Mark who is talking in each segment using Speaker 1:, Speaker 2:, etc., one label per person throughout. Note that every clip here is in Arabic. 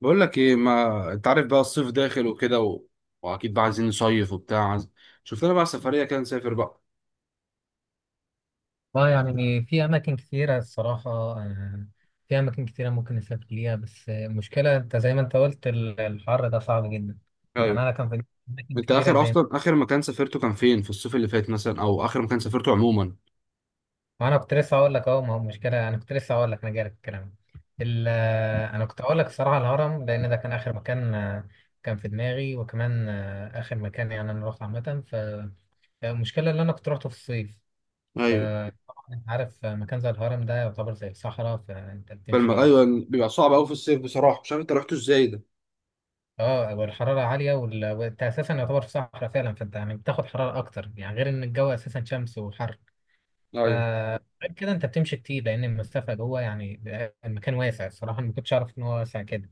Speaker 1: بقول لك ايه، ما انت عارف، بقى الصيف داخل وكده واكيد بقى عايزين نصيف وبتاع، شفت لنا بقى سفريه كده نسافر بقى.
Speaker 2: اه، يعني في اماكن كتيره الصراحه. في اماكن كتيره ممكن نسافر ليها، بس المشكله انت زي ما انت قلت الحر ده صعب جدا. يعني
Speaker 1: ايوه.
Speaker 2: انا كان في اماكن
Speaker 1: انت
Speaker 2: كتيره
Speaker 1: اخر،
Speaker 2: زي ما.
Speaker 1: اصلا اخر مكان سافرته كان فين في الصيف اللي فات مثلا، او اخر مكان سافرته عموما؟
Speaker 2: وانا كنت لسه هقول لك اهو، ما هو مشكله، انا كنت لسه هقول لك انا جاي لك الكلام. انا كنت هقول لك الصراحه الهرم، لان ده كان اخر مكان. كان في دماغي، وكمان اخر مكان يعني انا رحت عامه. فالمشكله اللي انا كنت روحته في الصيف،
Speaker 1: ايوه.
Speaker 2: فطبعا انت عارف، مكان زي الهرم ده يعتبر زي الصحراء، فانت بتمشي.
Speaker 1: ايوه، بيبقى صعب قوي في الصيف بصراحه، مش عارف انت رحت ازاي ده.
Speaker 2: اه، والحرارة عالية، وانت اساسا يعتبر في صحراء فعلا، فانت يعني بتاخد حرارة اكتر، يعني غير ان الجو اساسا شمس وحر. ف
Speaker 1: ايوه.
Speaker 2: غير كده انت بتمشي كتير لان المسافة جوه، يعني المكان واسع. الصراحة أنا ما كنتش اعرف ان هو واسع كده،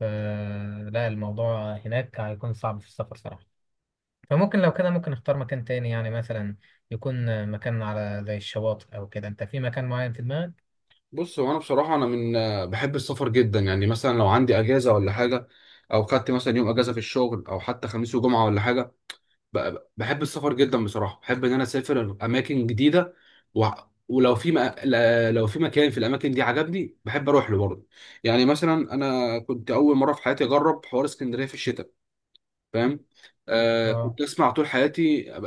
Speaker 2: فلا الموضوع هناك هيكون صعب في السفر صراحة. فممكن لو كده ممكن اختار مكان تاني، يعني مثلا يكون مكان على زي الشواطئ او كده. انت في مكان معين في دماغك؟
Speaker 1: بص، هو انا بصراحه، انا من آه، بحب السفر جدا، يعني مثلا لو عندي اجازه ولا حاجه، او خدت مثلا يوم اجازه في الشغل او حتى خميس وجمعه ولا حاجه، بحب السفر جدا بصراحه، بحب ان انا اسافر اماكن جديده و... ولو في م... لو في مكان في الاماكن دي عجبني بحب اروح له برضه. يعني مثلا انا كنت اول مره في حياتي اجرب حوار اسكندريه في الشتاء، فاهم؟
Speaker 2: اه،
Speaker 1: كنت اسمع طول حياتي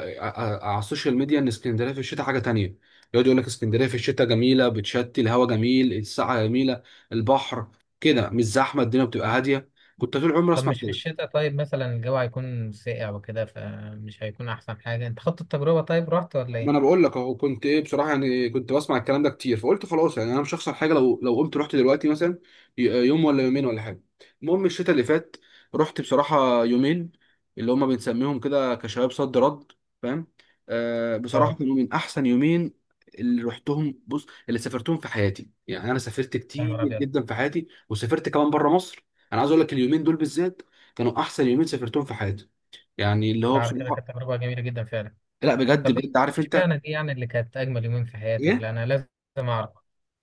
Speaker 1: على السوشيال ميديا ان اسكندريه في الشتاء حاجه تانية، يقعد يقول لك اسكندريه في الشتاء جميله، بتشتي، الهواء جميل، الساعه جميله، البحر كده، مش زحمه، الدنيا بتبقى هاديه. كنت طول عمري
Speaker 2: طب
Speaker 1: اسمع
Speaker 2: مش في
Speaker 1: كده.
Speaker 2: الشتاء؟ طيب مثلا الجو هيكون ساقع وكده، فمش هيكون احسن حاجة. انت خدت التجربة؟ طيب رحت ولا
Speaker 1: ما
Speaker 2: ايه؟
Speaker 1: انا بقول لك اهو، كنت ايه بصراحه، يعني كنت بسمع الكلام ده كتير فقلت خلاص، يعني انا مش هخسر حاجه لو قمت رحت دلوقتي مثلا، يوم ولا يومين ولا حاجه. المهم الشتاء اللي فات رحت بصراحه يومين، اللي هما بنسميهم كده كشباب صد رد، فاهم؟ بصراحه
Speaker 2: اه،
Speaker 1: كانوا من احسن يومين اللي رحتهم بص اللي سافرتهم في حياتي، يعني انا سافرت
Speaker 2: يا
Speaker 1: كتير
Speaker 2: نهار ابيض.
Speaker 1: جدا في حياتي وسافرت كمان بره مصر. انا عايز اقول لك اليومين دول بالذات كانوا احسن يومين سافرتهم في حياتي، يعني اللي هو
Speaker 2: ده على كده
Speaker 1: بصراحه،
Speaker 2: كانت تجربه جميله جدا فعلا.
Speaker 1: لا بجد
Speaker 2: طب ايه
Speaker 1: بجد، عارف انت
Speaker 2: اشمعنى دي؟ يعني اللي كانت اجمل يومين في حياتك،
Speaker 1: ايه؟
Speaker 2: لا انا لازم اعرف،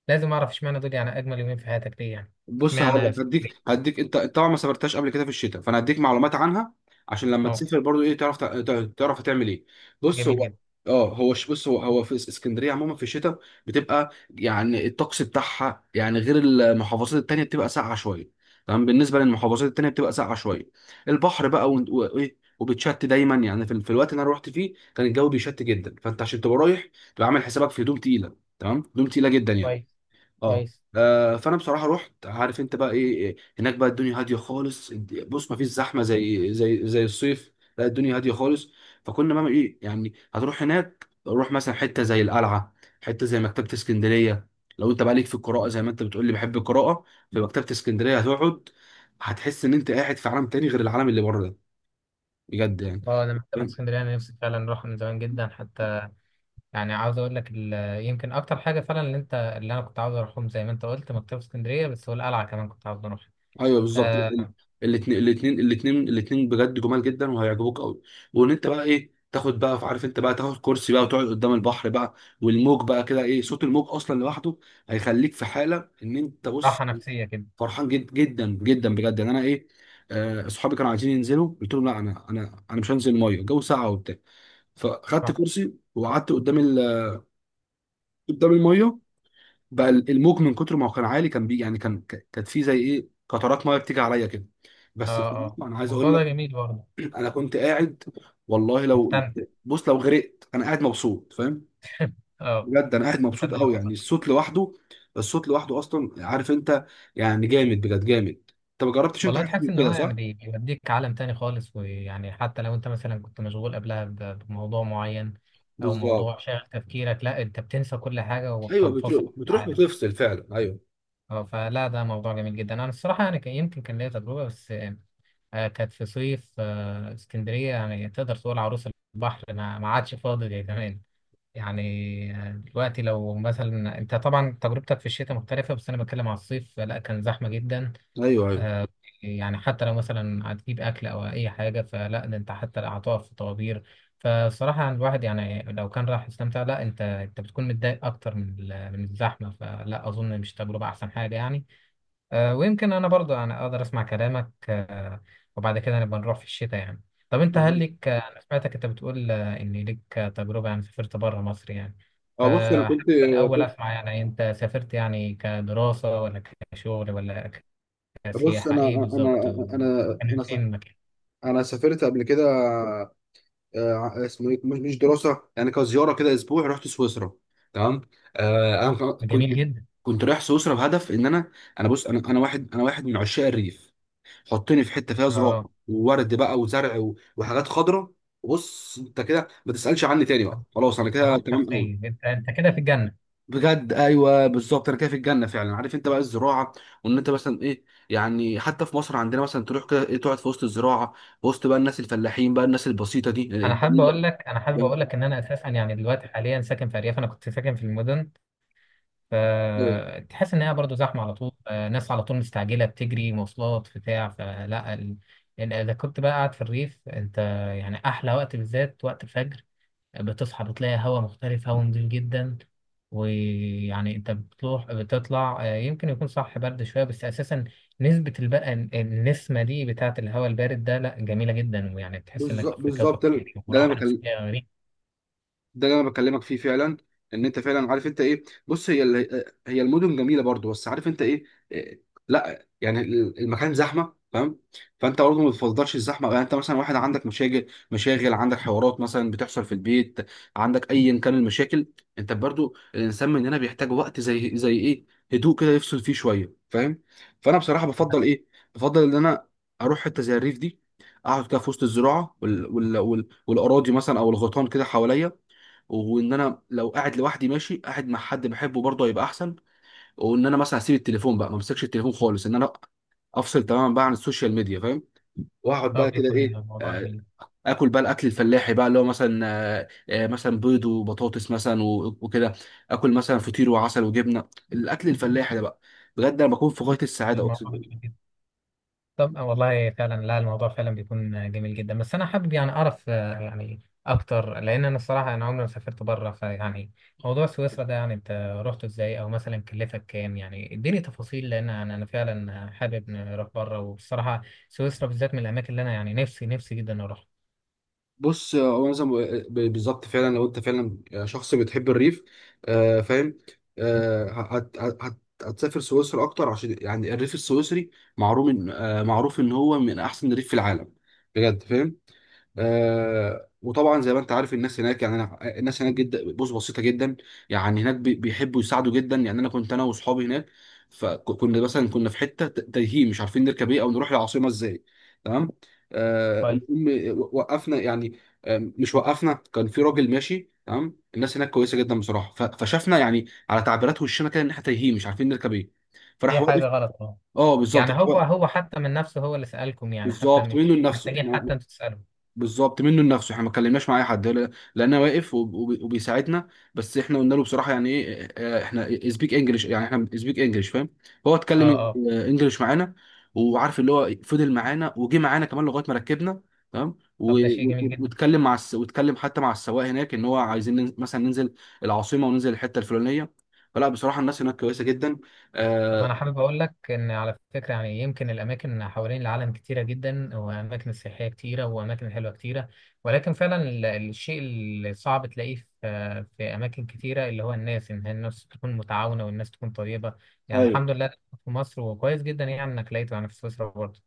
Speaker 2: لازم اعرف اشمعنى دول، يعني اجمل يومين في حياتك ليه يعني؟
Speaker 1: بص، هقول
Speaker 2: اشمعنى
Speaker 1: لك. هديك
Speaker 2: اسكندريه؟
Speaker 1: هديك انت طبعا ما سافرتهاش قبل كده في الشتاء، فانا هديك معلومات عنها عشان لما
Speaker 2: اه،
Speaker 1: تسافر برضو ايه تعرف، تعرف هتعمل ايه. بص
Speaker 2: جميل
Speaker 1: هو
Speaker 2: جدا،
Speaker 1: بص، هو هو في اسكندريه عموما في الشتاء بتبقى، يعني الطقس بتاعها، يعني غير المحافظات التانيه، بتبقى ساقعه شويه، تمام. بالنسبه للمحافظات التانيه بتبقى ساقعه شويه. البحر بقى وايه، وبتشت دايما، يعني في الوقت اللي انا رحت فيه كان الجو بيشت جدا، فانت عشان تبقى رايح تبقى عامل حسابك في هدوم تقيله، تمام، هدوم تقيله جدا يعني.
Speaker 2: كويس،
Speaker 1: اه.
Speaker 2: كويس.
Speaker 1: فانا بصراحه رحت، عارف انت بقى ايه؟ هناك بقى الدنيا هاديه خالص، بص، ما فيش زحمه زي زي الصيف. لا، الدنيا هاديه خالص. فكنا بقى ايه، يعني هتروح هناك، روح مثلا حته زي القلعه، حته زي مكتبه اسكندريه. لو انت بقى ليك في القراءه، زي ما انت بتقول لي بحب القراءه، في مكتبه اسكندريه هتقعد، هتحس ان انت قاعد في عالم تاني غير العالم اللي بره ده، بجد يعني.
Speaker 2: اه، انا مكتبه اسكندريه انا نفسي فعلا اروح من زمان جدا حتى، يعني عاوز اقول لك يمكن اكتر حاجه فعلا اللي انا كنت عاوز اروحهم، زي ما انت قلت مكتبه اسكندريه بس، والقلعه كمان كنت عاوز اروح.
Speaker 1: ايوه بالظبط،
Speaker 2: آه،
Speaker 1: الاثنين الاثنين الاثنين الاثنين بجد جمال جدا وهيعجبوك قوي. وان انت بقى ايه، تاخد بقى، عارف انت بقى، تاخد كرسي بقى وتقعد قدام البحر بقى، والموج بقى كده ايه، صوت الموج اصلا لوحده هيخليك في حاله ان انت، بص،
Speaker 2: راحه نفسيه كده.
Speaker 1: فرحان جدا جدا بجد، يعني انا ايه. اصحابي كانوا عايزين ينزلوا، قلت لهم لا، انا انا مش هنزل الميه، الجو ساقع وبتاع، فخدت
Speaker 2: صح.
Speaker 1: كرسي وقعدت قدام قدام الميه. بقى الموج من كتر ما هو كان عالي، كان بي يعني، كانت في زي ايه قطرات ميه بتيجي عليا كده.
Speaker 2: اه،
Speaker 1: بس في الأول
Speaker 2: اه،
Speaker 1: انا عايز
Speaker 2: الموضوع
Speaker 1: اقول
Speaker 2: ده
Speaker 1: لك،
Speaker 2: جميل برضه.
Speaker 1: انا كنت قاعد، والله
Speaker 2: مستمتع.
Speaker 1: لو غرقت انا قاعد مبسوط، فاهم؟
Speaker 2: اه،
Speaker 1: بجد انا قاعد مبسوط
Speaker 2: مصدقك
Speaker 1: قوي، يعني
Speaker 2: والله.
Speaker 1: الصوت لوحده، الصوت لوحده اصلا، عارف انت، يعني جامد بجد، جامد، انت ما جربتش انت
Speaker 2: والله
Speaker 1: حاجه
Speaker 2: تحس
Speaker 1: من
Speaker 2: ان هو
Speaker 1: كده،
Speaker 2: يعني
Speaker 1: صح؟
Speaker 2: بيوديك عالم تاني خالص، ويعني حتى لو انت مثلا كنت مشغول قبلها بموضوع معين، او
Speaker 1: بالظبط،
Speaker 2: موضوع شاغل تفكيرك، لا انت بتنسى كل حاجه،
Speaker 1: ايوه،
Speaker 2: وبتنفصل
Speaker 1: بتروح
Speaker 2: عن
Speaker 1: بتروح
Speaker 2: العالم.
Speaker 1: بتفصل فعلا، ايوه،
Speaker 2: اه، فلا ده موضوع جميل جدا. انا الصراحه يعني يمكن كان ليا تجربه، بس كانت في صيف. اسكندريه يعني تقدر تقول عروس البحر ما عادش فاضي زي زمان يعني. دلوقتي لو مثلا انت طبعا تجربتك في الشتاء مختلفه، بس انا بتكلم على الصيف، لا كان زحمه جدا.
Speaker 1: ايوه، ايوه،
Speaker 2: آه، يعني حتى لو مثلا هتجيب اكل او اي حاجه، فلا ده انت حتى لا هتقف في طوابير. فالصراحه الواحد يعني لو كان راح يستمتع، لا انت، بتكون متضايق اكتر من الزحمه، فلا اظن مش تجربه احسن حاجه يعني. ويمكن انا برضو انا اقدر اسمع كلامك، وبعد كده نبقى نروح في الشتاء يعني. طب انت هل
Speaker 1: بالظبط.
Speaker 2: لك، انا سمعتك انت بتقول ان لك تجربه، يعني سافرت بره مصر يعني،
Speaker 1: اه، بص انا
Speaker 2: فحابب
Speaker 1: كنت،
Speaker 2: الاول
Speaker 1: كنت-
Speaker 2: اسمع، يعني انت سافرت يعني كدراسه ولا كشغل ولا
Speaker 1: بص
Speaker 2: سياحة، ايه
Speaker 1: انا
Speaker 2: بالظبط
Speaker 1: انا
Speaker 2: وكان
Speaker 1: انا
Speaker 2: فين
Speaker 1: سافرت
Speaker 2: المكان؟
Speaker 1: انا سافرت قبل كده، اسمه ايه، مش دراسه، يعني كزياره كده، اسبوع رحت سويسرا، تمام. انا كنت
Speaker 2: جميل جدا.
Speaker 1: كنت رايح سويسرا بهدف ان انا، انا بص انا انا واحد انا واحد من عشاق الريف. حطني في حته فيها زراعه،
Speaker 2: اه،
Speaker 1: وورد بقى، وزرع وحاجات خضراء، بص انت كده ما تسالش عني تاني بقى، خلاص انا كده
Speaker 2: راح
Speaker 1: تمام قوي،
Speaker 2: شخصية، انت كده في الجنة.
Speaker 1: بجد ايوه بالظبط، انا كده في الجنه فعلا، عارف انت بقى الزراعه، وان انت مثلا ايه، يعني حتى في مصر عندنا مثلا، تروح كده ايه، تقعد في وسط الزراعه، وسط بقى الناس الفلاحين بقى، الناس البسيطه دي الجميله.
Speaker 2: انا حابب اقول لك ان انا اساسا، يعني دلوقتي حاليا ساكن في ارياف، انا كنت ساكن في المدن. فتحس ان هي برضو زحمة على طول، ناس على طول مستعجلة، بتجري مواصلات بتاع فلا إن اذا كنت بقى قاعد في الريف انت، يعني احلى وقت بالذات وقت الفجر، بتصحى بتلاقي هواء مختلف، هواء نضيف جدا. ويعني انت بتروح بتطلع، يمكن يكون صح برد شويه، بس اساسا نسبه البقى النسمه دي بتاعه الهواء البارد ده، لا جميله جدا، ويعني تحس انك في
Speaker 1: بالظبط،
Speaker 2: كوكب
Speaker 1: ده
Speaker 2: تاني،
Speaker 1: اللي انا
Speaker 2: وراحه
Speaker 1: بكلم-
Speaker 2: نفسيه غريبه.
Speaker 1: ده اللي انا بكلمك فيه فعلا، ان انت فعلا، عارف انت ايه، بص هي المدن جميله برضو، بس عارف انت ايه؟ إيه، لا يعني المكان زحمه، فاهم؟ فانت برضه ما بتفضلش الزحمه، يعني انت مثلا واحد عندك مشاغل، مشاغل، عندك حوارات مثلا بتحصل في البيت، عندك ايا كان المشاكل، انت برضه الانسان مننا بيحتاج وقت زي ايه، هدوء كده يفصل فيه شويه، فاهم؟ فانا بصراحه بفضل ايه، بفضل ان انا اروح حته زي الريف دي، اقعد كده في وسط الزراعه والاراضي مثلا، او الغيطان كده حواليا، وان انا لو قاعد لوحدي ماشي، قاعد مع حد بحبه برضه هيبقى احسن. وان انا مثلا هسيب التليفون بقى، ما امسكش التليفون خالص، ان انا افصل تماما بقى عن السوشيال ميديا، فاهم؟ واقعد
Speaker 2: اه،
Speaker 1: بقى كده
Speaker 2: بيكون
Speaker 1: ايه،
Speaker 2: الموضوع جميل.
Speaker 1: اكل بقى، الاكل الفلاحي بقى اللي هو مثلا، مثلا بيض وبطاطس مثلا وكده، اكل مثلا فطير وعسل وجبنه، الاكل الفلاحي ده بقى بجد انا بكون في غايه السعاده.
Speaker 2: الموضوع جميل جدا. طب والله فعلا، لا الموضوع فعلا بيكون جميل جدا، بس انا حابب يعني اعرف يعني اكتر، لان انا الصراحه انا عمري ما سافرت بره، فيعني موضوع سويسرا ده، يعني انت رحته ازاي؟ او مثلا كلفك كام؟ يعني اديني تفاصيل، لان انا فعلا حابب نروح بره، والصراحه سويسرا بالذات من الاماكن اللي انا يعني نفسي نفسي جدا اروح.
Speaker 1: بص هو أنا زي ما بالظبط فعلا، لو انت فعلا شخص بتحب الريف، فاهم، آه هتسافر سويسرا اكتر، عشان يعني الريف السويسري معروف ان، معروف ان هو من احسن الريف في العالم بجد، فاهم؟ وطبعا زي ما انت عارف، الناس هناك يعني، انا آه، الناس هناك جدا، بص، بسيطه جدا، يعني هناك بيحبوا يساعدوا جدا. يعني انا واصحابي هناك، فكنا مثلا كنا في حته تايهين، مش عارفين نركب ايه او نروح العاصمه ازاي، تمام. آه
Speaker 2: كويس.
Speaker 1: المهم وقفنا، يعني مش وقفنا، كان في راجل ماشي، تمام، الناس هناك كويسه جدا بصراحه، فشافنا يعني على تعبيرات وشنا كده ان احنا تايهين مش عارفين نركب ايه، فراح
Speaker 2: هي
Speaker 1: واقف.
Speaker 2: حاجه غلط. اه،
Speaker 1: اه بالظبط،
Speaker 2: يعني هو
Speaker 1: راح واقف.
Speaker 2: حتى من نفسه هو اللي سالكم؟ يعني حتى
Speaker 1: بالظبط منه
Speaker 2: مش
Speaker 1: لنفسه
Speaker 2: محتاجين
Speaker 1: احنا
Speaker 2: حتى انتوا تسالوا.
Speaker 1: بالظبط منه لنفسه، احنا ما اتكلمناش مع اي حد، لان واقف وبيساعدنا. بس احنا قلنا له بصراحه يعني ايه، احنا سبيك انجلش، يعني احنا سبيك انجلش، فاهم؟ هو
Speaker 2: اه،
Speaker 1: اتكلم
Speaker 2: اه،
Speaker 1: انجلش معانا، وعارف اللي هو فضل معانا وجي معانا كمان لغايه ما ركبنا، تمام،
Speaker 2: طب ده شيء جميل جدا.
Speaker 1: واتكلم حتى مع السواق هناك ان هو عايزين ننزل مثلا، ننزل العاصمه وننزل الحته الفلانيه، فلا بصراحه الناس هناك كويسه جدا.
Speaker 2: طب
Speaker 1: اه،
Speaker 2: انا حابب اقول لك ان على فكره، يعني يمكن الاماكن حوالين العالم كتيره جدا، واماكن سياحيه كتيره، واماكن حلوه كتيره، ولكن فعلا الشيء اللي صعب تلاقيه في اماكن كتيره، اللي هو الناس، ان هي الناس تكون متعاونه والناس تكون طيبه، يعني
Speaker 1: ايوه
Speaker 2: الحمد لله في مصر، وكويس جدا يعني انك لقيته يعني في سويسرا برضه.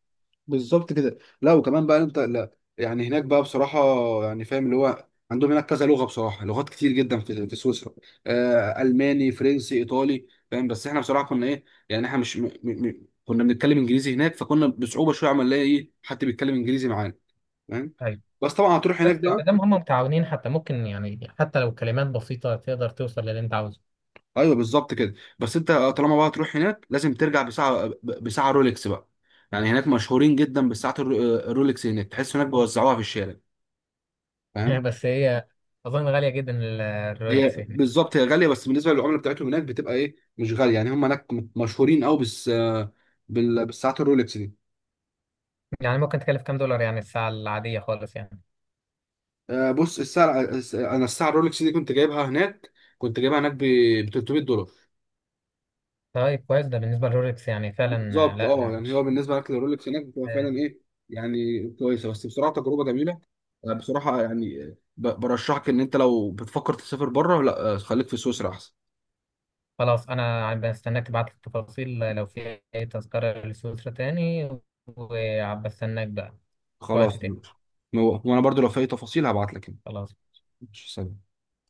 Speaker 1: بالظبط كده. لا، وكمان بقى انت، لا يعني هناك بقى بصراحه، يعني فاهم اللي هو عندهم هناك كذا لغه بصراحه، لغات كتير جدا في سويسرا، الماني، فرنسي، ايطالي، فاهم؟ بس احنا بصراحه كنا ايه، يعني احنا مش، كنا بنتكلم انجليزي هناك، فكنا بصعوبه شويه عم نلاقي ايه حد بيتكلم انجليزي معانا، فاهم؟
Speaker 2: طيب،
Speaker 1: بس طبعا هتروح هناك
Speaker 2: بس ما
Speaker 1: بقى.
Speaker 2: دام هم متعاونين حتى، ممكن يعني حتى لو كلمات بسيطه تقدر توصل للي انت عاوزه.
Speaker 1: ايوه بالظبط كده. بس انت طالما بقى هتروح هناك لازم ترجع بساعه، بساعه رولكس بقى، يعني هناك مشهورين جدا بساعه الرولكس، هناك تحس هناك بيوزعوها في الشارع، فاهم.
Speaker 2: بس هي اظن غاليه جدا
Speaker 1: هي
Speaker 2: الرولكس هنا.
Speaker 1: بالظبط، هي غاليه، بس بالنسبه للعمله بتاعتهم هناك بتبقى ايه، مش غاليه يعني، هم هناك مشهورين قوي بس، بالساعات الرولكس دي.
Speaker 2: يعني ممكن تكلف كام دولار يعني الساعه العاديه خالص يعني؟
Speaker 1: بص الساعه انا الساعه الرولكس دي كنت جايبها هناك، كنت جايبها هناك ب 300 دولار.
Speaker 2: طيب كويس، ده بالنسبة للرولكس يعني فعلا.
Speaker 1: بالظبط
Speaker 2: لا
Speaker 1: اه،
Speaker 2: لا
Speaker 1: يعني هو
Speaker 2: مش
Speaker 1: بالنسبه للرولكس هناك بتبقى فعلا
Speaker 2: آه،
Speaker 1: ايه، يعني كويسه، بس بصراحه تجربه جميله، بصراحه يعني، برشحك ان انت لو بتفكر تسافر بره، لا خليك في سويسرا احسن.
Speaker 2: خلاص. أنا بستناك تبعت لي التفاصيل لو في أي تذكرة لسويسرا تاني، وبستناك بقى في وقت
Speaker 1: خلاص،
Speaker 2: تاني.
Speaker 1: وانا برضو لو في اي تفاصيل هبعت لك يعني.
Speaker 2: خلاص.
Speaker 1: ماشي، سلام.